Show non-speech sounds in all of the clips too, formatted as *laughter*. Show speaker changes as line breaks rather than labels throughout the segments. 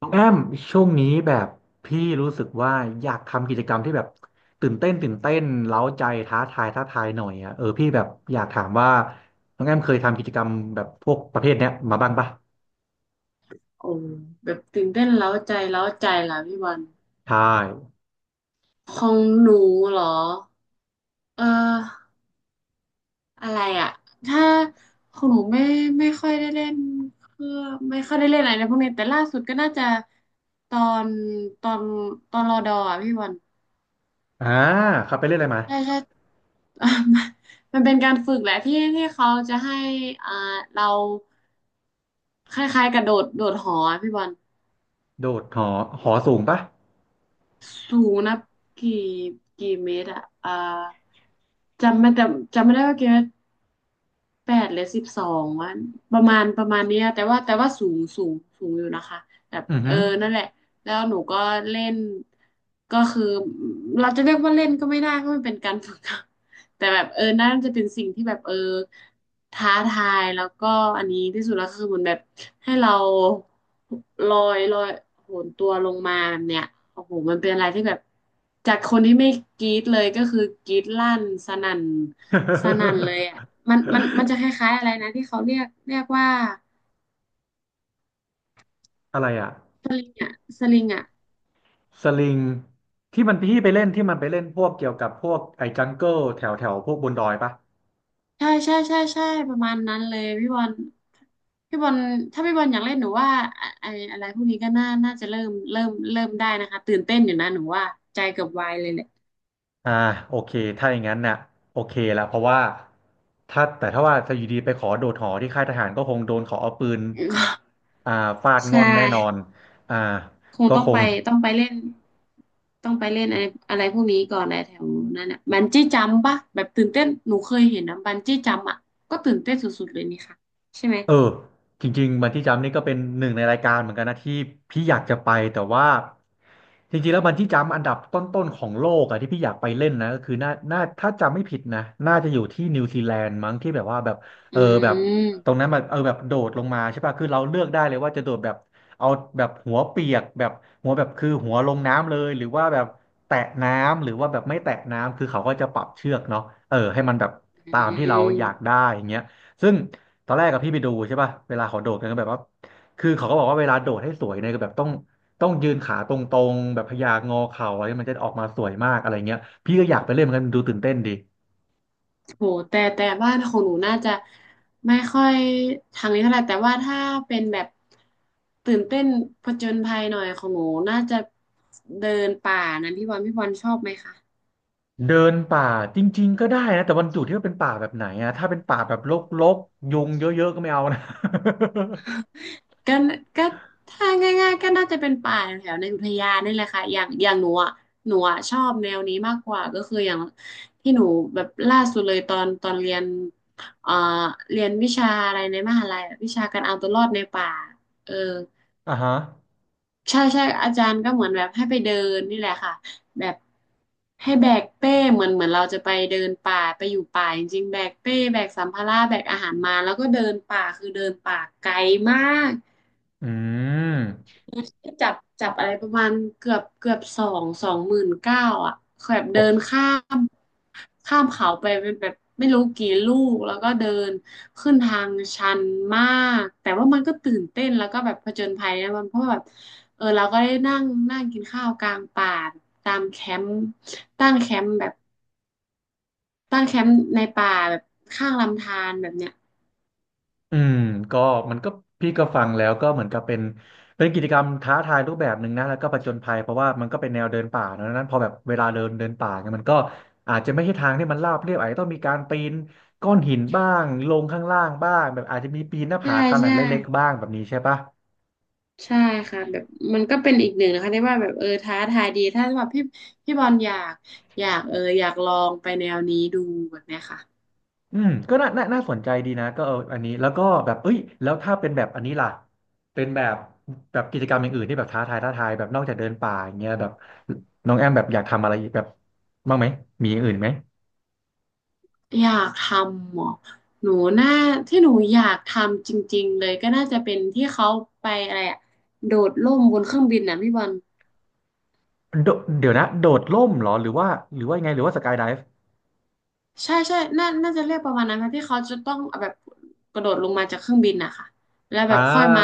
น้องแอมช่วงนี้แบบพี่รู้สึกว่าอยากทำกิจกรรมที่แบบตื่นเต้นเร้าใจท้าทายหน่อยอ่ะเออพี่แบบอยากถามว่าน้องแอมเคยทำกิจกรรมแบบพวกประเภทเนี้ยมาบ้างปะ
โอ้แบบตื่นเต้นเร้าใจเร้าใจล่ะพี่บอล
ใช่
ของหนูเหรอเอ่ออะไรอ่ะถ้าของหนูไม่ค่อยได้เล่นเครื่องไม่ค่อยได้เล่นอะไรในพวกนี้แต่ล่าสุดก็น่าจะตอนตอนตอนรอดออ่ะพี่บอล
อ่าครับไปเล่นอะไรมา
ใช่ใช่ *laughs* มันเป็นการฝึกแหละที่ที่เขาจะให้อ่าเราคล้ายๆกระโดดโดดหออะพี่บอล
โดดหอหอสูงปะ
สูงนะกี่กี่เมตรอะจำไม่แต่จำไม่ได้ว่ากี่เมตร 8 หรือ 12 วันประมาณเนี้ยแต่ว่าสูงสูงสูงอยู่นะคะแบบ
อือหือ
นั่นแหละแล้วหนูก็เล่นก็คือเราจะเรียกว่าเล่นก็ไม่ได้ก็มันเป็นการฝึก *laughs* แต่แบบน่าจะเป็นสิ่งที่แบบท้าทายแล้วก็อันนี้ที่สุดแล้วคือเหมือนแบบให้เราลอยลอยโหนตัวลงมาแบบเนี้ยโอ้โหมันเป็นอะไรที่แบบจากคนที่ไม่กรี๊ดเลยก็คือกรี๊ดลั่นสนั่น สนั่นเลยอ่ะมัน
*laughs*
มันมันจะคล้ายๆอะไรนะที่เขาเรียกว่า
อะไรอ่ะ
สลิงอ่ะ
สลิงที่มันพี่ไปเล่นที่มันไปเล่นพวกเกี่ยวกับพวกไอ้จังเกิลแถวแถวพวกบนดอยปะ
ใช่ใช่ใช่ใช่ประมาณนั้นเลยพี่บอลพี่บอลถ้าพี่บอลอยากเล่นหนูว่าอะไออะไรพวกนี้ก็น่าน่าจะเริ่มได้นะคะตื่นเต้นอยู่นะหนูว่าใจเกือบวายเลยแหละ
อ่าโอเคถ้าอย่างนั้นน่ะโอเคละเพราะว่าถ้าแต่ถ้าว่าจะอยู่ดีไปขอโดดหอที่ค่ายทหารก็คงโดนขอเอาปืนอ่าฟาด
*laughs*
ง่
ใช่
อนแน่นอนอ่า
คง
ก็
ต้อง
ค
ไป
ง
ต้องไปเล่นต้องไปเล่นอะไรอะไรพวกนี้ก่อนอะไรแถวนั้นอ่ะบันจี้จัมปะแบบตื่นเต้นหนูเคยเห็นนะบันจี้จัมอ่ะก็ตื่นเต้นสุดๆเลยนี่ค่ะใช่ไหม
เออจริงๆบันจี้จัมป์นี่ก็เป็นหนึ่งในรายการเหมือนกันนะที่พี่อยากจะไปแต่ว่าจริงๆแล้วบันจี้จัมป์อันดับต้นๆของโลกอะที่พี่อยากไปเล่นนะก็คือน่าถ้าจำไม่ผิดนะน่าจะอยู่ที่นิวซีแลนด์มั้งที่แบบว่าแบบเอ
อื
อแบบตรง
ม
นั้นมันเออแบบโดดลงมาใช่ป่ะคือเราเลือกได้เลยว่าจะโดดแบบเอาแบบหัวเปียกแบบหัวแบบคือหัวลงน้ำเลยหรือว่าแบบแตะน้ำหรือว่าแบบไม่แตะน้ำคือเขาก็จะปรับเชือกเนาะเออให้มันแบบ
อื
ตามที่เรา
ม
อยากได้อย่างเงี้ยซึ่ง ตอนแรกกับพี่ไปดูใช่ป่ะเวลาเขาโดดกันก็แบบว่าคือเขาก็บอกว่าเวลาโดดให้สวยเนี่ยก็แบบต้องยืนขาตรงๆแบบพยางอเข่าอะไรมันจะออกมาสวยมากอะไรเงี้ย พี่ก็อยากไปเล่นเหมือนกันดูตื่นเต้นดี
โหแต่บ้านของหนูน่าจะไม่ค่อยทางนี้เท่าไหร่แต่ว่าถ้าเป็นแบบตื่นเต้นผจญภัยหน่อยของหนูน่าจะเดินป่านะพี่บอลพี่บอลชอบไหมคะ
เดินป่าจริงๆก็ได้นะแต่วันจุดที่ว่าเป็นป่าแบบไหนอะถ้าเป็นป่าแบบรกๆยุงเยอะๆก็ไม่เอานะ
ก็ก็ถ้าง่ายๆก็น่าจะเป็นป่าแถวในอุทยานนี่แหละค่ะอย่างอย่างหนูอ่ะหนูอ่ะชอบแนวนี้มากกว่าก็คืออย่างที่หนูแบบล่าสุดเลยตอนเรียนเอ่อเรียนวิชาอะไรในมหาลัยอะวิชาการเอาตัวรอดในป่าเออ
*laughs* อ่าฮะ
ใช่ใช่อาจารย์ก็เหมือนแบบให้ไปเดินนี่แหละค่ะแบบให้แบกเป้เหมือนเราจะไปเดินป่าไปอยู่ป่าจริงๆแบกเป้แบกสัมภาระแบกอาหารมาแล้วก็เดินป่าคือเดินป่าไกลมาก
อืม
จับจับอะไรประมาณเกือบสองหมื่นเก้าอ่ะแบบเดิ
โอ้โห
นมข้ามเขาไปเป็นแบบไม่รู้กี่ลูกแล้วก็เดินขึ้นทางชันมากแต่ว่ามันก็ตื่นเต้นแล้วก็แบบผจญภัยนะมันเพราะว่าแบบเราก็ได้นั่งนั่งกินข้าวกลางป่าตามแคมป์ตั้งแคมป์แบบตั้งแคมป์ในป่าแบบข้างลำธารแบบเนี้ย
อืมก็มันก็พี่ก็ฟังแล้วก็เหมือนกับเป็นเป็นกิจกรรมท้าทายรูปแบบหนึ่งนะแล้วก็ผจญภัยเพราะว่ามันก็เป็นแนวเดินป่านะดังนั้นพอแบบเวลาเดินเดินป่าเนี่ยมันก็อาจจะไม่ใช่ทางที่มันราบเรียบอาจจะต้องมีการปีนก้อนหินบ้างลงข้างล่างบ้างแบบอาจจะมีปีนหน้า
ใช่
ผาขนาด
ใช่
เล็กๆบ้างแบบนี้ใช่ปะ
ใช่ค่ะแบบมันก็เป็นอีกหนึ่งนะคะที่ว่าแบบท้าทายดีถ้าแบบพี่บอลอยากอยากลองไปแนวนี้ดูแบบเนี้ยค่ะ
อืมก็น่าสนใจดีนะก็เอออันนี้แล้วก็แบบเอ้ยแล้วถ้าเป็นแบบอันนี้ล่ะเป็นแบบแบบกิจกรรมอย่างอื่นที่แบบท้าทายแบบนอกจากเดินป่าอย่างเงี้ยแบบน้องแอมแบบอยากทำอะไรแบบบ้างไหมมีอย่างอื่นไหม
อยากทำเหรอหนูน่าที่หนูอยากทำจริงๆเลยก็น่าจะเป็นที่เขาไปอะไรอะโดดร่มบนเครื่องบินนะพี่บอล
โดเดี๋ยวนะโดดร่มเหรอหรือว่าหรือว่ายังไงหรือว่าสกายไดฟ์
ใช่ใช่น่าน่าจะเรียกประมาณนั้นค่ะที่เขาจะต้องแบบกระโดดลงมาจากเครื่องบินนะคะแล้วแบ
อ่า
บค่อยมา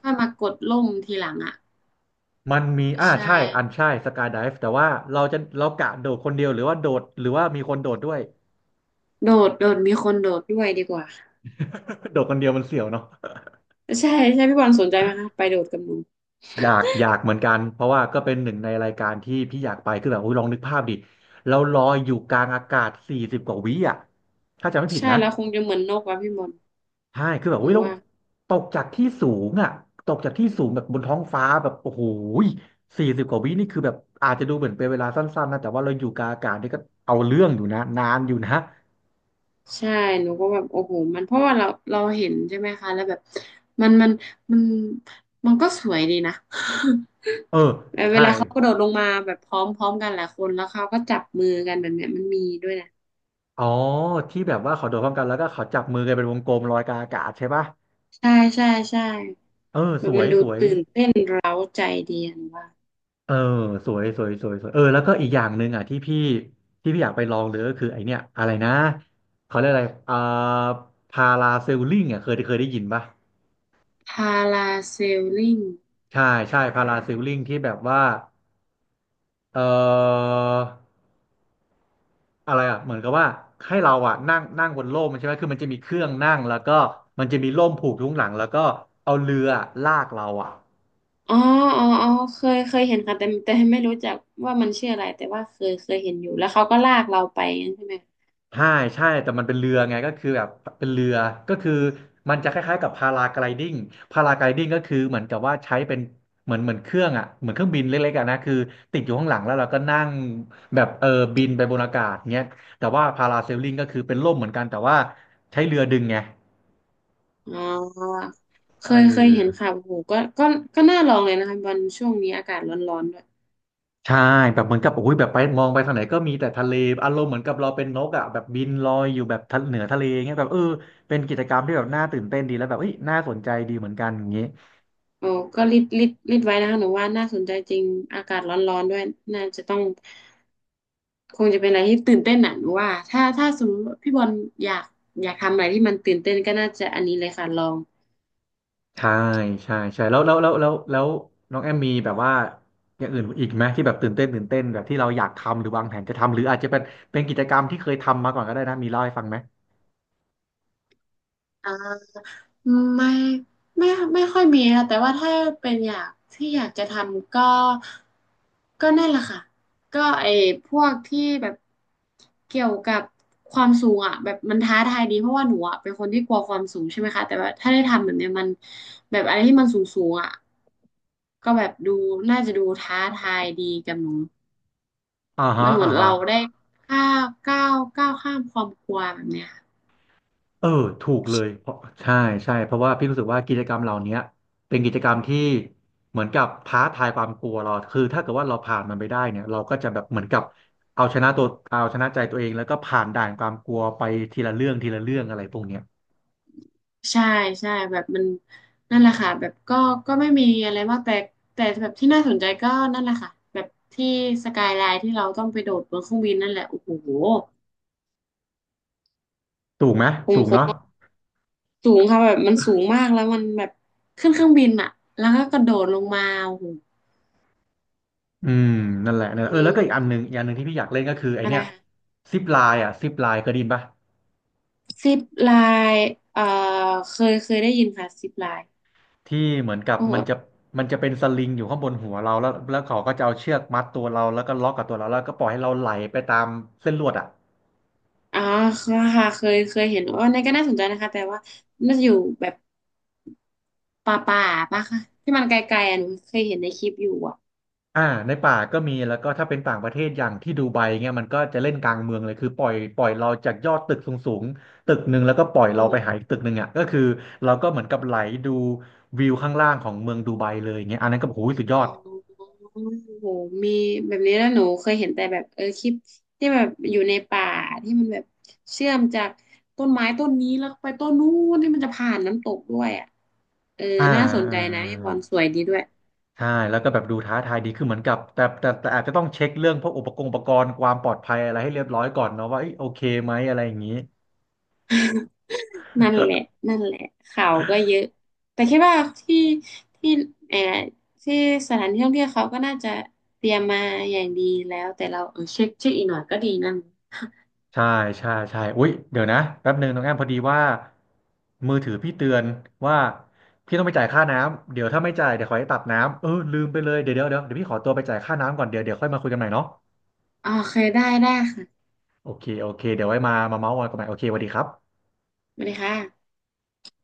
ค่อยมากดร่มทีหลังอ่ะ
มันมีอ่า
ใช่
ใช่อันใช่สกายไดฟ์แต่ว่าเราจะเรากะโดดคนเดียวหรือว่าโดดหรือว่ามีคนโดดด้วย
โดดมีคนโดดด้วยดีกว่า
*laughs* โดดคนเดียวมันเสี่ยวเนาะ
ใช่ใช่พี่บอลสนใจไหมคะไปโดดกับหนู
อยากอยากเหมือนกันเพราะว่าก็เป็นหนึ่งในรายการที่พี่อยากไปคือแบบโอ้ยลองนึกภาพดิเราลอยอยู่กลางอากาศสี่สิบกว่าวิอ่ะถ้าจำไม่ผิด
ใช่
นะ
แล้วคงจะเหมือนนกว่ะพี่บอล
ใช่คือแบบ
ห
โอ้
นู
ยเรา
ว่า
ตกจากที่สูงอ่ะตกจากที่สูงแบบบนท้องฟ้าแบบโอ้โหสี่สิบกว่าวินี่คือแบบอาจจะดูเหมือนเป็นเวลาสั้นๆนะแต่ว่าเราอยู่กลางอากาศนี่ก็เอาเรื่องอยู่นะนานอยู่นะ
ใช่หนูก็แบบโอ้โหมันเพราะว่าเราเราเห็นใช่ไหมคะแล้วแบบมันมันมันมันก็สวยดีนะ
เออ
*laughs* แบบเว
ใช่
ลาเขากระโดดลงมาแบบพร้อมพร้อมกันหลายคนแล้วเขาก็จับมือกันแบบเนี้ยมันมีด้วยนะ
อ๋อที่แบบว่าเขาโดดพร้อมกันแล้วก็เขาจับมือกันเป็นวงกลมลอยกลางอากาศใช่ปะ
ใช่ใช่ใช่
เออ
แบ
ส
บ
ว
มั
ย
นดู
สวย
ตื่นเต้นเร้าใจดียหนูว่า
เออสวยสวยสวยสวยเออแล้วก็อีกอย่างหนึ่งอ่ะที่พี่อยากไปลองเลยก็คือไอเนี้ยอะไรนะเขาเรียกอะไรอ่าพาราเซลลิงอ่ะเคยได้ยินปะ
พาราเซลลิง
ใช่ใช่พาราเซลลิงที่แบบว่าเอ่ออะไรอ่ะเหมือนกับว่าให้เราอ่ะนั่งนั่งบนร่มใช่ไหมคือมันจะมีเครื่องนั่งแล้วก็มันจะมีร่มผูกทุกหลังแล้วก็เอาเรือลากเราอ่ะ
อ๋ออ๋ออ๋อเคยเห็นค่ะแต่ไม่รู้จักว่ามันชื่ออะไรแต่ว่าเคยเห็นอยู่แล้วเขาก็ลากเราไปงั้นใช่ไหม
ใช่ใช่แต่มันเป็นเรือไงก็คือแบบเป็นเรือ ก็คือมันจะคล้ายๆกับพาราไกลดิ้งพาราไกลดิ้งก็คือเหมือนกับว่าใช้เป็นเหมือนเครื่องอ่ะเหมือนเครื่องบินเล็กๆอะนะคือติดอยู่ข้างหลังแล้วเราก็นั่งแบบบินไปบนอากาศเงี้ยแต่ว่าพาราเซลลิงก็คือเป็นร่มเหมือนกันแต่ว่าใช้เรือดึงไง
อ๋อเค
เอ
ยเคยเห็น
อ
ค่ะโอ้โหก็ก็น่าลองเลยนะคะวันช่วงนี้อากาศร้อนๆด้วย
ใช่แบบเหมือนกับโอ้ยแบบไปมองไปทางไหนก็มีแต่ทะเลอารมณ์เหมือนกับเราเป็นนกอ่ะแบบบินลอยอยู่แบบทะเหนือทะเลเงี้ยแบบเป็นกิจกรรมที่แบบน่าตื่นเต้นดีแล้วแบบเอ้ยน่าสนใจดีเหมือนกันอย่างงี้
โอ้ก็รีดไว้นะคะหนูว่าน่าสนใจจริงอากาศร้อนๆด้วยน่าจะต้องคงจะเป็นอะไรที่ตื่นเต้นหนะหนูว่าถ้าสมมติว่าพี่บอลอยากอยากทำอะไรที่มันตื่นเต้นก็น่าจะอันนี้เลยค่ะลอง
ใช่ใช่ใช่แล้วน้องแอมมีแบบว่าอย่างอื่นอีกไหมที่แบบตื่นเต้นแบบที่เราอยากทำหรือวางแผนจะทำหรืออาจจะเป็นเป็นกิจกรรมที่เคยทำมาก่อนก็ได้นะมีเล่าให้ฟังไหม
อ่า ไม่ไม่ไม่ค่อยมีค่ะแต่ว่าถ้าเป็นอยากที่อยากจะทำก็ก็นั่นแหละค่ะก็ไอ้พวกที่แบบเกี่ยวกับความสูงอ่ะแบบมันท้าทายดีเพราะว่าหนูอ่ะเป็นคนที่กลัวความสูงใช่ไหมคะแต่ว่าถ้าได้ทำแบบเนี้ยมันแบบอะไรที่มันสูงสูงอ่ะก็แบบดูน่าจะดูท้าทายดีกับหนู
อ่าฮะ
มันเหมื
อ่า
อน
ฮะ
เราได้ก้าวข้ามความกลัวแบบเนี้ย
เออถูกเลยเพราะใช่ใช่เพราะว่าพี่รู้สึกว่ากิจกรรมเหล่าเนี้ยเป็นกิจกรรมที่เหมือนกับท้าทายความกลัวเราคือถ้าเกิดว่าเราผ่านมันไปได้เนี่ยเราก็จะแบบเหมือนกับเอาชนะตัวเอาชนะใจตัวเองแล้วก็ผ่านด่านความกลัวไปทีละเรื่องทีละเรื่องอะไรพวกเนี้ย
ใช่ใช่แบบมันนั่นแหละค่ะแบบก็ก็ไม่มีอะไรมากแต่แบบที่น่าสนใจก็นั่นแหละค่ะแบบที่สกายไลน์ที่เราต้องไปโดดบนเครื่องบินนั่นแหละโอ้โห
ถูกไหม
คง
สูง
ค
เนาะ
งสูงค่ะแบบมันสูงมากแล้วมันแบบขึ้นเครื่องบินอะแล้วก็กระโดดลงมาโอ้โห
อืมนั่นแหละนั่นแห
อื
ละเออแล้วก็อีกอั
ม
นหนึ่งอีกอันหนึ่งที่พี่อยากเล่นก็คือไอ
อะไร
เนี้ย
ค่ะ
ซิปไลน์อ่ะซิปไลน์เคยได้ยินปะ
ซิปไลน์เอ่อเคยได้ยินค่ะซิปไลน์
ที่เหมือนกับ
โอ้
มันจะมันจะเป็นสลิงอยู่ข้างบนหัวเราแล้วเขาก็จะเอาเชือกมัดตัวเราแล้วก็ล็อกกับตัวเราแล้วก็ปล่อยให้เราไหลไปตามเส้นลวดอ่ะ
อ๋อค่ะเคยเห็นว่าในก็น่าสนใจนะคะแต่ว่าน่าจะอยู่แบบ ป่าป่ะคะที่มันไกลๆอ่ะหนูเคยเห็นในคลิปอยู่อ่ะ
อ่าในป่าก็มีแล้วก็ถ้าเป็นต่างประเทศอย่างที่ดูไบเงี้ยมันก็จะเล่นกลางเมืองเลยคือปล่อยเราจากยอดตึกสูงสูงตึกหนึ่งแล้วก็ปล่อยเรา
โอ้โห
ไปหาอีกตึกหนึ่งอ่ะก็คือเราก็เหมือนกับไหลดูวิวข้างล่างของเมืองดูไบเลยเงี้ยอันนั้นก็โอ้โหสุดย
อ๋
อ
อ
ด
โอ้โหมีแบบนี้แล้วหนูเคยเห็นแต่แบบเออคลิปที่แบบอยู่ในป่าที่มันแบบเชื่อมจากต้นไม้ต้นนี้แล้วไปต้นนู้นที่มันจะผ่านน้ำตกด้วยอ่ะเออ
อ่า
น่าสนใจ
อ่า
นะพี่บอลสวยดีด้วย
ใช่แล้วก็แบบดูท้าทายดีคือเหมือนกับแต่อาจจะต้องเช็คเรื่องพวกอุปกรณ์ความปลอดภัยอะไรให้เรียบร้อยก่อนเนาะว่าเอ้ยโอเคไหมอะไรอย่างนี้
นั่นแหละนั่นแหละข่าวก็เยอะแต่คิดว่าที่เออที่สถานที่ท่องเที่ยวเขาก็น่าจะเตรียมมาอย่างดีแล้วแต่เราเออเช็คอีกหน่อยก็ดีนั่น
*laughs* ใช่ใช่ใช่อุ๊ยเดี๋ยวนะแป๊บหนึ่งน้องแอมพอดีว่ามือถือพี่เตือนว่าพี่ต้องไปจ่ายค่าน้ำเดี๋ยวถ้าไม่จ่ายเดี๋ยวขอให้ตัดน้ำลืมไปเลยเดี๋ยวพี่ขอตัวไปจ่ายค่าน้ำก่อนเดี๋ยวค่อยมาคุยกันใหม่เนาะ
โอเคได้ค่ะ
โอเคโอเคเดี๋ยวไว้มามาเมาส์กันใหม่โอเคสวัสดีครับ
สวัสดีค่ะ